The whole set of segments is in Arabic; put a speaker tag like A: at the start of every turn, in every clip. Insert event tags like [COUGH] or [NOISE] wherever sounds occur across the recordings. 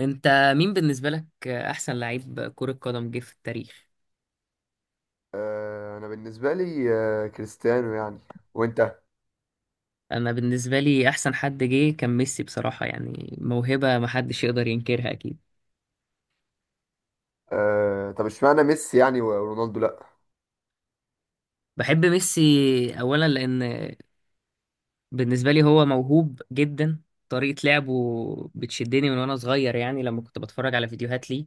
A: انت مين بالنسبة لك احسن لعيب كرة قدم جه في التاريخ؟
B: انا بالنسبه لي كريستيانو يعني. وانت؟
A: انا بالنسبة لي احسن حد جه كان ميسي، بصراحة يعني موهبة محدش يقدر ينكرها اكيد.
B: طب اشمعنى ميسي يعني، ورونالدو لا؟
A: بحب ميسي اولا لان بالنسبة لي هو موهوب جدا، طريقة لعبه بتشدني من وانا صغير، يعني لما كنت بتفرج على فيديوهات ليه،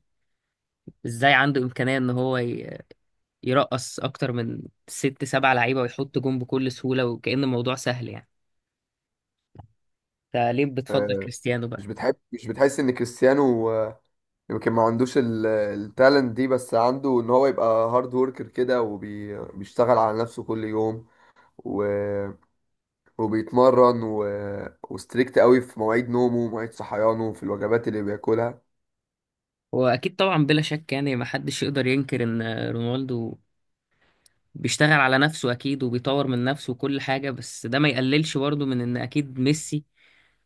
A: ازاي عنده امكانية ان هو يرقص اكتر من ست سبع لعيبة ويحط جون بكل سهولة، وكأن الموضوع سهل يعني. انت ليه بتفضل
B: آه،
A: كريستيانو بقى؟
B: مش بتحس ان كريستيانو، يمكن ما عندوش التالنت دي، بس عنده ان هو يبقى هارد وركر كده وبيشتغل على نفسه كل يوم و... وبيتمرن وستريكت قوي في مواعيد نومه ومواعيد صحيانه في الوجبات اللي بياكلها.
A: واكيد طبعا بلا شك، يعني ما حدش يقدر ينكر ان رونالدو بيشتغل على نفسه اكيد وبيطور من نفسه وكل حاجة، بس ده ما يقللش برضه من ان اكيد ميسي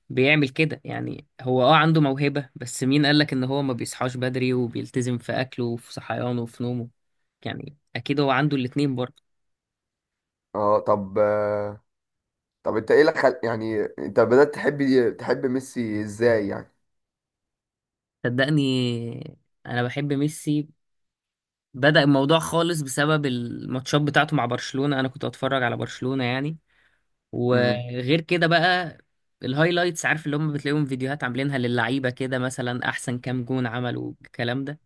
A: بيعمل كده، يعني هو عنده موهبة، بس مين قالك ان هو ما بيصحاش بدري وبيلتزم في اكله وفي صحيانه وفي نومه؟ يعني اكيد هو عنده الاتنين برضه.
B: اه، طب طب انت ايه اللي يعني انت بدأت تحب ميسي ازاي يعني؟
A: صدقني انا بحب ميسي، بدأ الموضوع خالص بسبب الماتشات بتاعته مع برشلونة، انا كنت اتفرج على برشلونة يعني.
B: مم.
A: وغير كده بقى الهايلايتس، عارف اللي هم بتلاقيهم فيديوهات عاملينها للعيبة كده، مثلا أحسن كام جون عملوا، الكلام ده.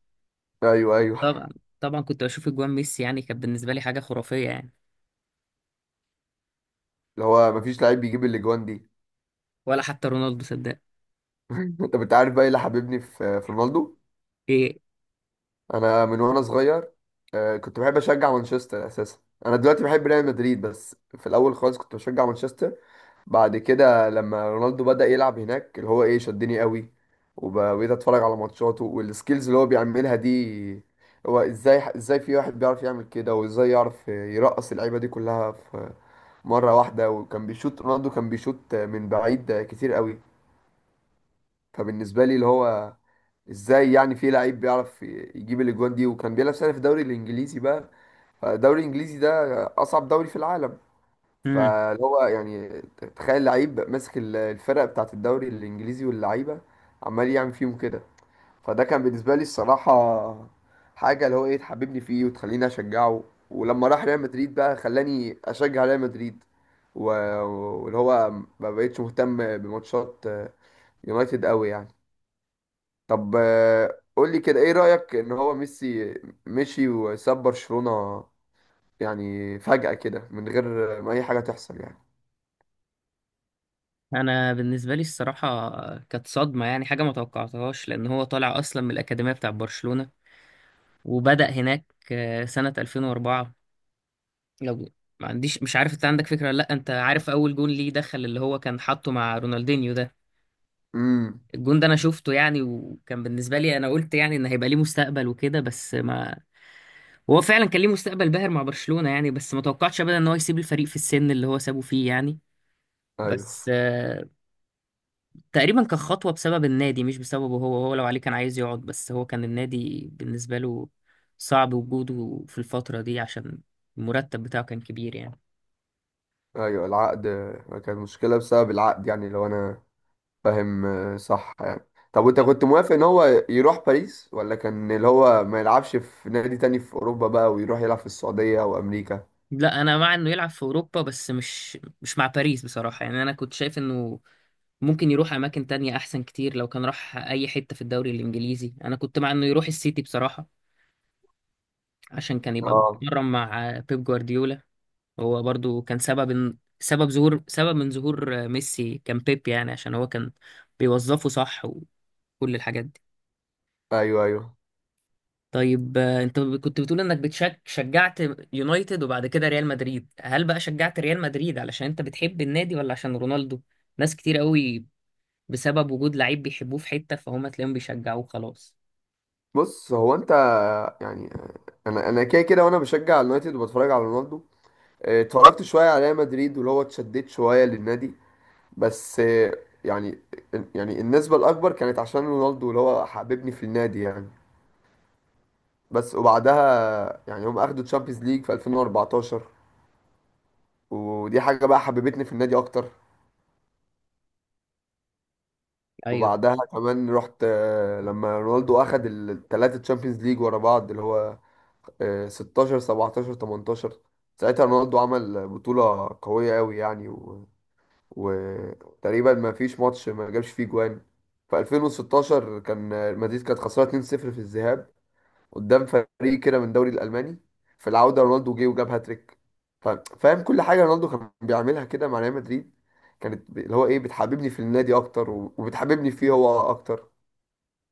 B: ايوه، ايوه.
A: طبعا طبعا كنت بشوف أجوان ميسي، يعني كانت بالنسبة لي حاجة خرافية يعني.
B: اللي هو مفيش لعيب بيجيب الاجوان دي.
A: ولا حتى رونالدو صدق.
B: [LAUGHS] طب انت عارف بقى ايه اللي حببني في رونالدو؟
A: إيه؟
B: انا من وانا صغير كنت بحب اشجع مانشستر اساسا. انا دلوقتي بحب ريال مدريد، بس في الاول خالص كنت بشجع مانشستر. بعد كده لما رونالدو بدأ يلعب هناك اللي هو ايه شدني قوي، وبقيت اتفرج على ماتشاته والسكيلز اللي هو بيعملها دي. هو ازاي في واحد بيعرف يعمل كده، وازاي يعرف يرقص اللعيبه دي كلها في مره واحده؟ وكان بيشوط، رونالدو كان بيشوط من بعيد كتير قوي. فبالنسبه لي اللي هو ازاي يعني في لعيب بيعرف يجيب الاجوان دي، وكان بيلعب سنه في الدوري الانجليزي بقى؟ فالدوري الانجليزي ده اصعب دوري في العالم.
A: مم.
B: فاللي هو يعني تخيل لعيب ماسك الفرق بتاعت الدوري الانجليزي واللعيبه، عمال يعمل فيهم كده. فده كان بالنسبه لي الصراحه حاجه اللي هو ايه تحببني فيه وتخليني اشجعه. ولما راح ريال مدريد بقى خلاني اشجع ريال مدريد. و- واللي هو ما بقتش مهتم بماتشات يونايتد قوي يعني. طب قول لي كده، ايه رأيك ان هو ميسي مشي وساب برشلونة؟ يعني فجأة كده من غير ما اي حاجة تحصل يعني.
A: أنا بالنسبة لي الصراحة كانت صدمة، يعني حاجة ما توقعتهاش، لأن هو طالع أصلا من الأكاديمية بتاع برشلونة وبدأ هناك سنة 2004. لو ما عنديش، مش عارف أنت عندك فكرة ولا لأ، أنت عارف أول جون ليه دخل، اللي هو كان حاطه مع رونالدينيو ده؟
B: امم.
A: الجون ده انا شفته يعني، وكان بالنسبه لي انا قلت يعني ان هيبقى ليه مستقبل وكده، بس ما، هو فعلا كان ليه مستقبل باهر مع برشلونه يعني، بس ما توقعتش ابدا ان هو يسيب الفريق في السن اللي هو سابه فيه يعني.
B: ايوه،
A: بس تقريبا كان خطوه بسبب النادي مش بسببه هو، هو لو عليه كان عايز يقعد، بس هو كان النادي بالنسبه له صعب وجوده في الفتره دي عشان المرتب بتاعه كان كبير يعني.
B: ايوه العقد، كانت مشكلة بسبب العقد يعني، لو انا فاهم صح يعني. طب وانت كنت موافق ان هو يروح باريس، ولا كان اللي هو ما يلعبش في نادي تاني في اوروبا بقى، ويروح يلعب في السعودية او امريكا؟
A: لا انا مع انه يلعب في اوروبا، بس مش مع باريس بصراحه يعني، انا كنت شايف انه ممكن يروح اماكن تانية احسن كتير. لو كان راح اي حتة في الدوري الانجليزي انا كنت مع انه يروح السيتي بصراحة، عشان كان يبقى
B: اه.
A: بيتمرن مع بيب جوارديولا. هو برضو كان سبب من ظهور ميسي كان بيب، يعني عشان هو كان بيوظفه صح وكل الحاجات دي.
B: ايوه، ايوه.
A: طيب انت كنت بتقول انك شجعت يونايتد وبعد كده ريال مدريد، هل بقى شجعت ريال مدريد علشان انت بتحب النادي ولا عشان رونالدو؟ ناس كتير قوي بسبب وجود لعيب بيحبوه في حتة، فهم تلاقيهم بيشجعوه خلاص.
B: بص هو انت، يعني انا كده كده وانا بشجع اليونايتد وبتفرج على رونالدو. اتفرجت شوية على ريال مدريد واللي هو اتشددت شوية للنادي. بس يعني النسبة الأكبر كانت عشان رونالدو اللي هو حببني في النادي يعني. بس وبعدها يعني هم أخدوا تشامبيونز ليج في 2014، ودي حاجة بقى حببتني في النادي أكتر.
A: ايوه،
B: وبعدها كمان رحت، لما رونالدو أخد التلاتة تشامبيونز ليج ورا بعض اللي هو 16 17 18. ساعتها رونالدو عمل بطولة قوية أوي يعني، وتقريبا ما فيش ماتش ما جابش فيه جوان. في 2016 كان المدريد كانت خسرانه 2-0 في الذهاب قدام فريق كده من الدوري الالماني. في العوده رونالدو جه وجاب هاتريك. ف- فاهم، كل حاجه رونالدو كان بيعملها كده مع ريال مدريد كانت اللي هو ايه بتحببني في النادي اكتر وبتحببني فيه هو اكتر.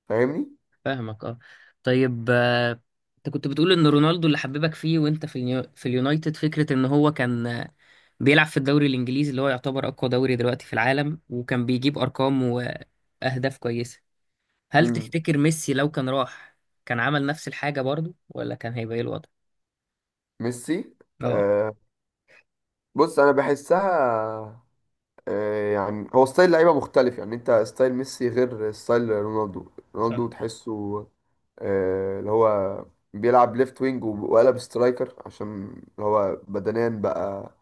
B: فاهمني؟
A: فاهمك، اه. طيب انت كنت بتقول ان رونالدو اللي حببك فيه وانت في اليونايتد، فكره ان هو كان بيلعب في الدوري الانجليزي اللي هو يعتبر اقوى دوري دلوقتي في العالم، وكان بيجيب ارقام واهداف كويسه. هل
B: مم.
A: تفتكر ميسي لو كان راح كان عمل نفس الحاجه برضو ولا كان هيبقى ايه الوضع؟
B: ميسي
A: اه،
B: آه. بص انا بحسها، يعني هو ستايل لعيبه مختلف. يعني انت ستايل ميسي غير ستايل رونالدو.
A: صح.
B: رونالدو تحسه اللي هو بيلعب ليفت وينج وقلب سترايكر، عشان اللي هو بدنيا بقى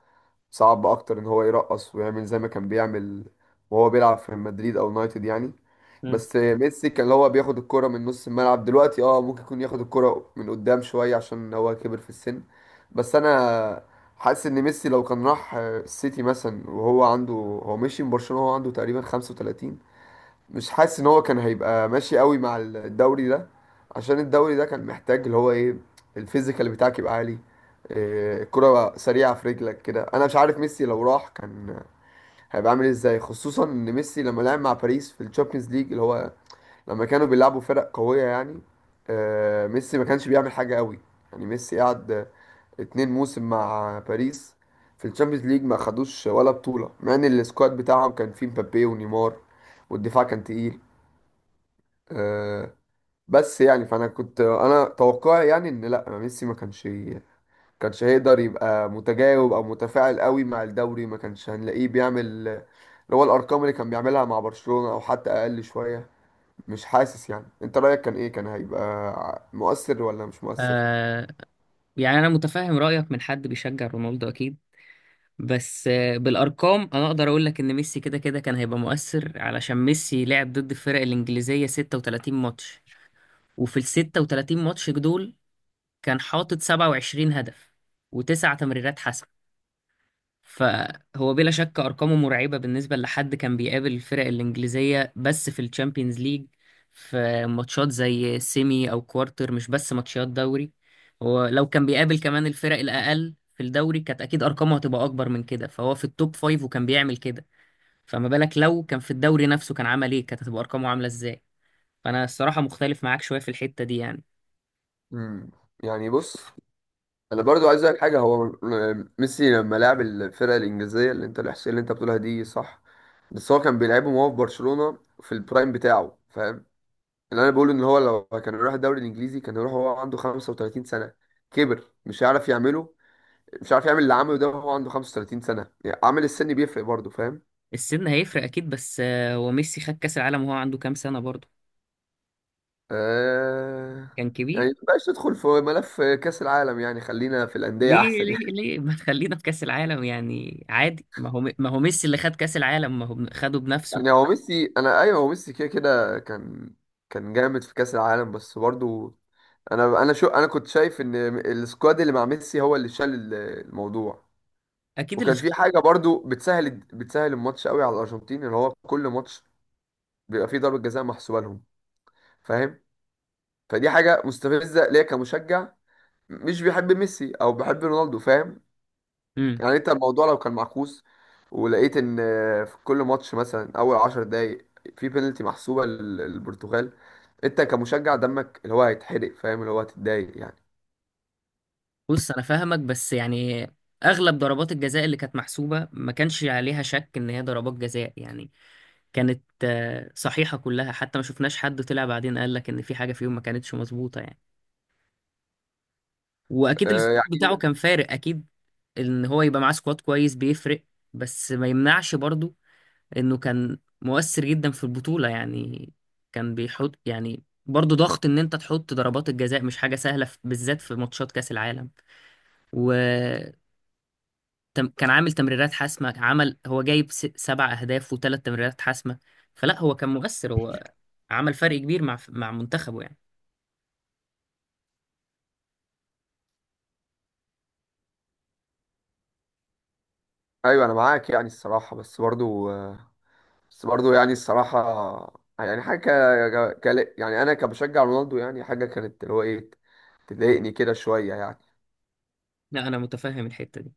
B: صعب اكتر ان هو يرقص ويعمل زي ما كان بيعمل، وهو بيلعب في مدريد او يونايتد يعني.
A: مم.
B: بس ميسي كان اللي هو بياخد الكرة من نص الملعب. دلوقتي اه ممكن يكون ياخد الكرة من قدام شوية عشان هو كبر في السن. بس انا حاسس ان ميسي لو كان راح السيتي مثلا، وهو عنده، هو مشي من برشلونة وهو عنده تقريبا 35، مش حاسس ان هو كان هيبقى ماشي قوي مع الدوري ده. عشان الدوري ده كان محتاج اللي هو ايه، الفيزيكال بتاعك يبقى عالي، إيه، الكرة سريعة في رجلك كده. انا مش عارف ميسي لو راح كان هيبقى عامل ازاي، خصوصا ان ميسي لما لعب مع باريس في الشامبيونز ليج اللي هو لما كانوا بيلعبوا فرق قوية يعني، ميسي ما كانش بيعمل حاجة قوي. يعني ميسي قعد اتنين موسم مع باريس في الشامبيونز ليج، ما خدوش ولا بطولة، مع ان السكواد بتاعهم كان فيه مبابي ونيمار والدفاع كان تقيل. آه، بس يعني، فانا كنت، انا توقعي يعني ان لا، ميسي ما كانش كانش هيقدر يبقى متجاوب او متفاعل قوي مع الدوري. ما كانش هنلاقيه بيعمل اللي هو الارقام اللي كان بيعملها مع برشلونة او حتى اقل شوية. مش حاسس؟ يعني انت رايك كان ايه، كان هيبقى مؤثر ولا مش مؤثر؟
A: آه يعني انا متفهم رايك من حد بيشجع رونالدو اكيد، بس بالارقام انا اقدر اقول لك ان ميسي كده كده كان هيبقى مؤثر، علشان ميسي لعب ضد الفرق الانجليزيه 36 ماتش، وفي ال 36 ماتش دول كان حاطط 27 هدف و9 تمريرات حسم. فهو بلا شك ارقامه مرعبه، بالنسبه لحد كان بيقابل الفرق الانجليزيه بس في الشامبيونز ليج، في ماتشات زي سيمي او كوارتر، مش بس ماتشات دوري. هو لو كان بيقابل كمان الفرق الاقل في الدوري كانت اكيد ارقامه هتبقى اكبر من كده، فهو في التوب فايف وكان بيعمل كده، فما بالك لو كان في الدوري نفسه، كان عمل ايه؟ كانت هتبقى ارقامه عامله ازاي؟ فانا الصراحه مختلف معاك شويه في الحته دي يعني.
B: امم يعني بص، انا برضو عايز اقول حاجه، هو ميسي لما لعب الفرقه الانجليزيه، اللي انت الاحصائيه اللي انت بتقولها دي صح، بس هو كان بيلعبهم وهو في برشلونه في البرايم بتاعه. اللي انا بقوله ان هو لو كان راح الدوري الانجليزي كان يروح وهو عنده 35 سنه، كبر، مش هيعرف يعمله. مش عارف يعمل اللي عمله ده وهو عنده 35 سنه. يعني عامل السن بيفرق برضه، فاهم؟
A: السن هيفرق اكيد، بس هو ميسي خد كاس العالم وهو عنده كام سنه برضه؟
B: آه...
A: كان
B: يعني
A: كبير.
B: مبقاش ندخل في ملف كاس العالم يعني، خلينا في الانديه
A: ليه؟
B: احسن
A: ليه
B: يعني.
A: ليه [LAUGHS] ما تخلينا في كأس العالم يعني؟ عادي، ما هو ميسي اللي خد كأس العالم، ما هو خده
B: [LAUGHS]
A: بنفسه.
B: يعني هو ميسي، انا ايوه هو ميسي كده كده كان جامد في كاس العالم، بس برضه انا شو، انا كنت شايف ان السكواد اللي مع ميسي هو اللي شال الموضوع.
A: اكيد اللي
B: وكان
A: شاط.
B: في حاجه برضو بتسهل الماتش قوي على الارجنتين، اللي هو كل ماتش بيبقى فيه ضربه جزاء محسوبه لهم، فاهم؟ فدي حاجه مستفزه ليا كمشجع مش بيحب ميسي او بيحب رونالدو، فاهم؟
A: امم
B: يعني انت الموضوع لو كان معكوس، ولقيت ان في كل ماتش مثلا اول 10 دقايق في بينالتي محسوبه للبرتغال، انت كمشجع دمك اللي هو هيتحرق، فاهم، اللي هو هتتضايق يعني
A: بص انا فاهمك، بس يعني اغلب ضربات الجزاء اللي كانت محسوبة ما كانش عليها شك ان هي ضربات جزاء يعني، كانت صحيحة كلها، حتى ما شفناش حد طلع بعدين قال لك ان في حاجة فيهم ما كانتش مظبوطة يعني. واكيد السكواد بتاعه
B: يعني،
A: كان فارق اكيد، ان هو يبقى معاه سكواد كويس بيفرق، بس ما يمنعش برضو انه كان مؤثر جدا في البطولة يعني، كان بيحط يعني برضه ضغط، ان انت تحط ضربات الجزاء مش حاجة سهلة، بالذات في ماتشات كأس العالم. و كان عامل تمريرات حاسمة، عمل، هو جايب 7 اهداف و3 تمريرات حاسمة. فلا، هو كان مؤثر، هو عمل فرق كبير مع منتخبه يعني.
B: ايوه، انا معاك يعني الصراحه. بس برضو، بس برضه يعني الصراحة، يعني حاجة، يعني أنا كبشجع رونالدو، يعني حاجة كانت اللي هو إيه، تضايقني كده شوية يعني.
A: لا انا متفهم الحتة دي.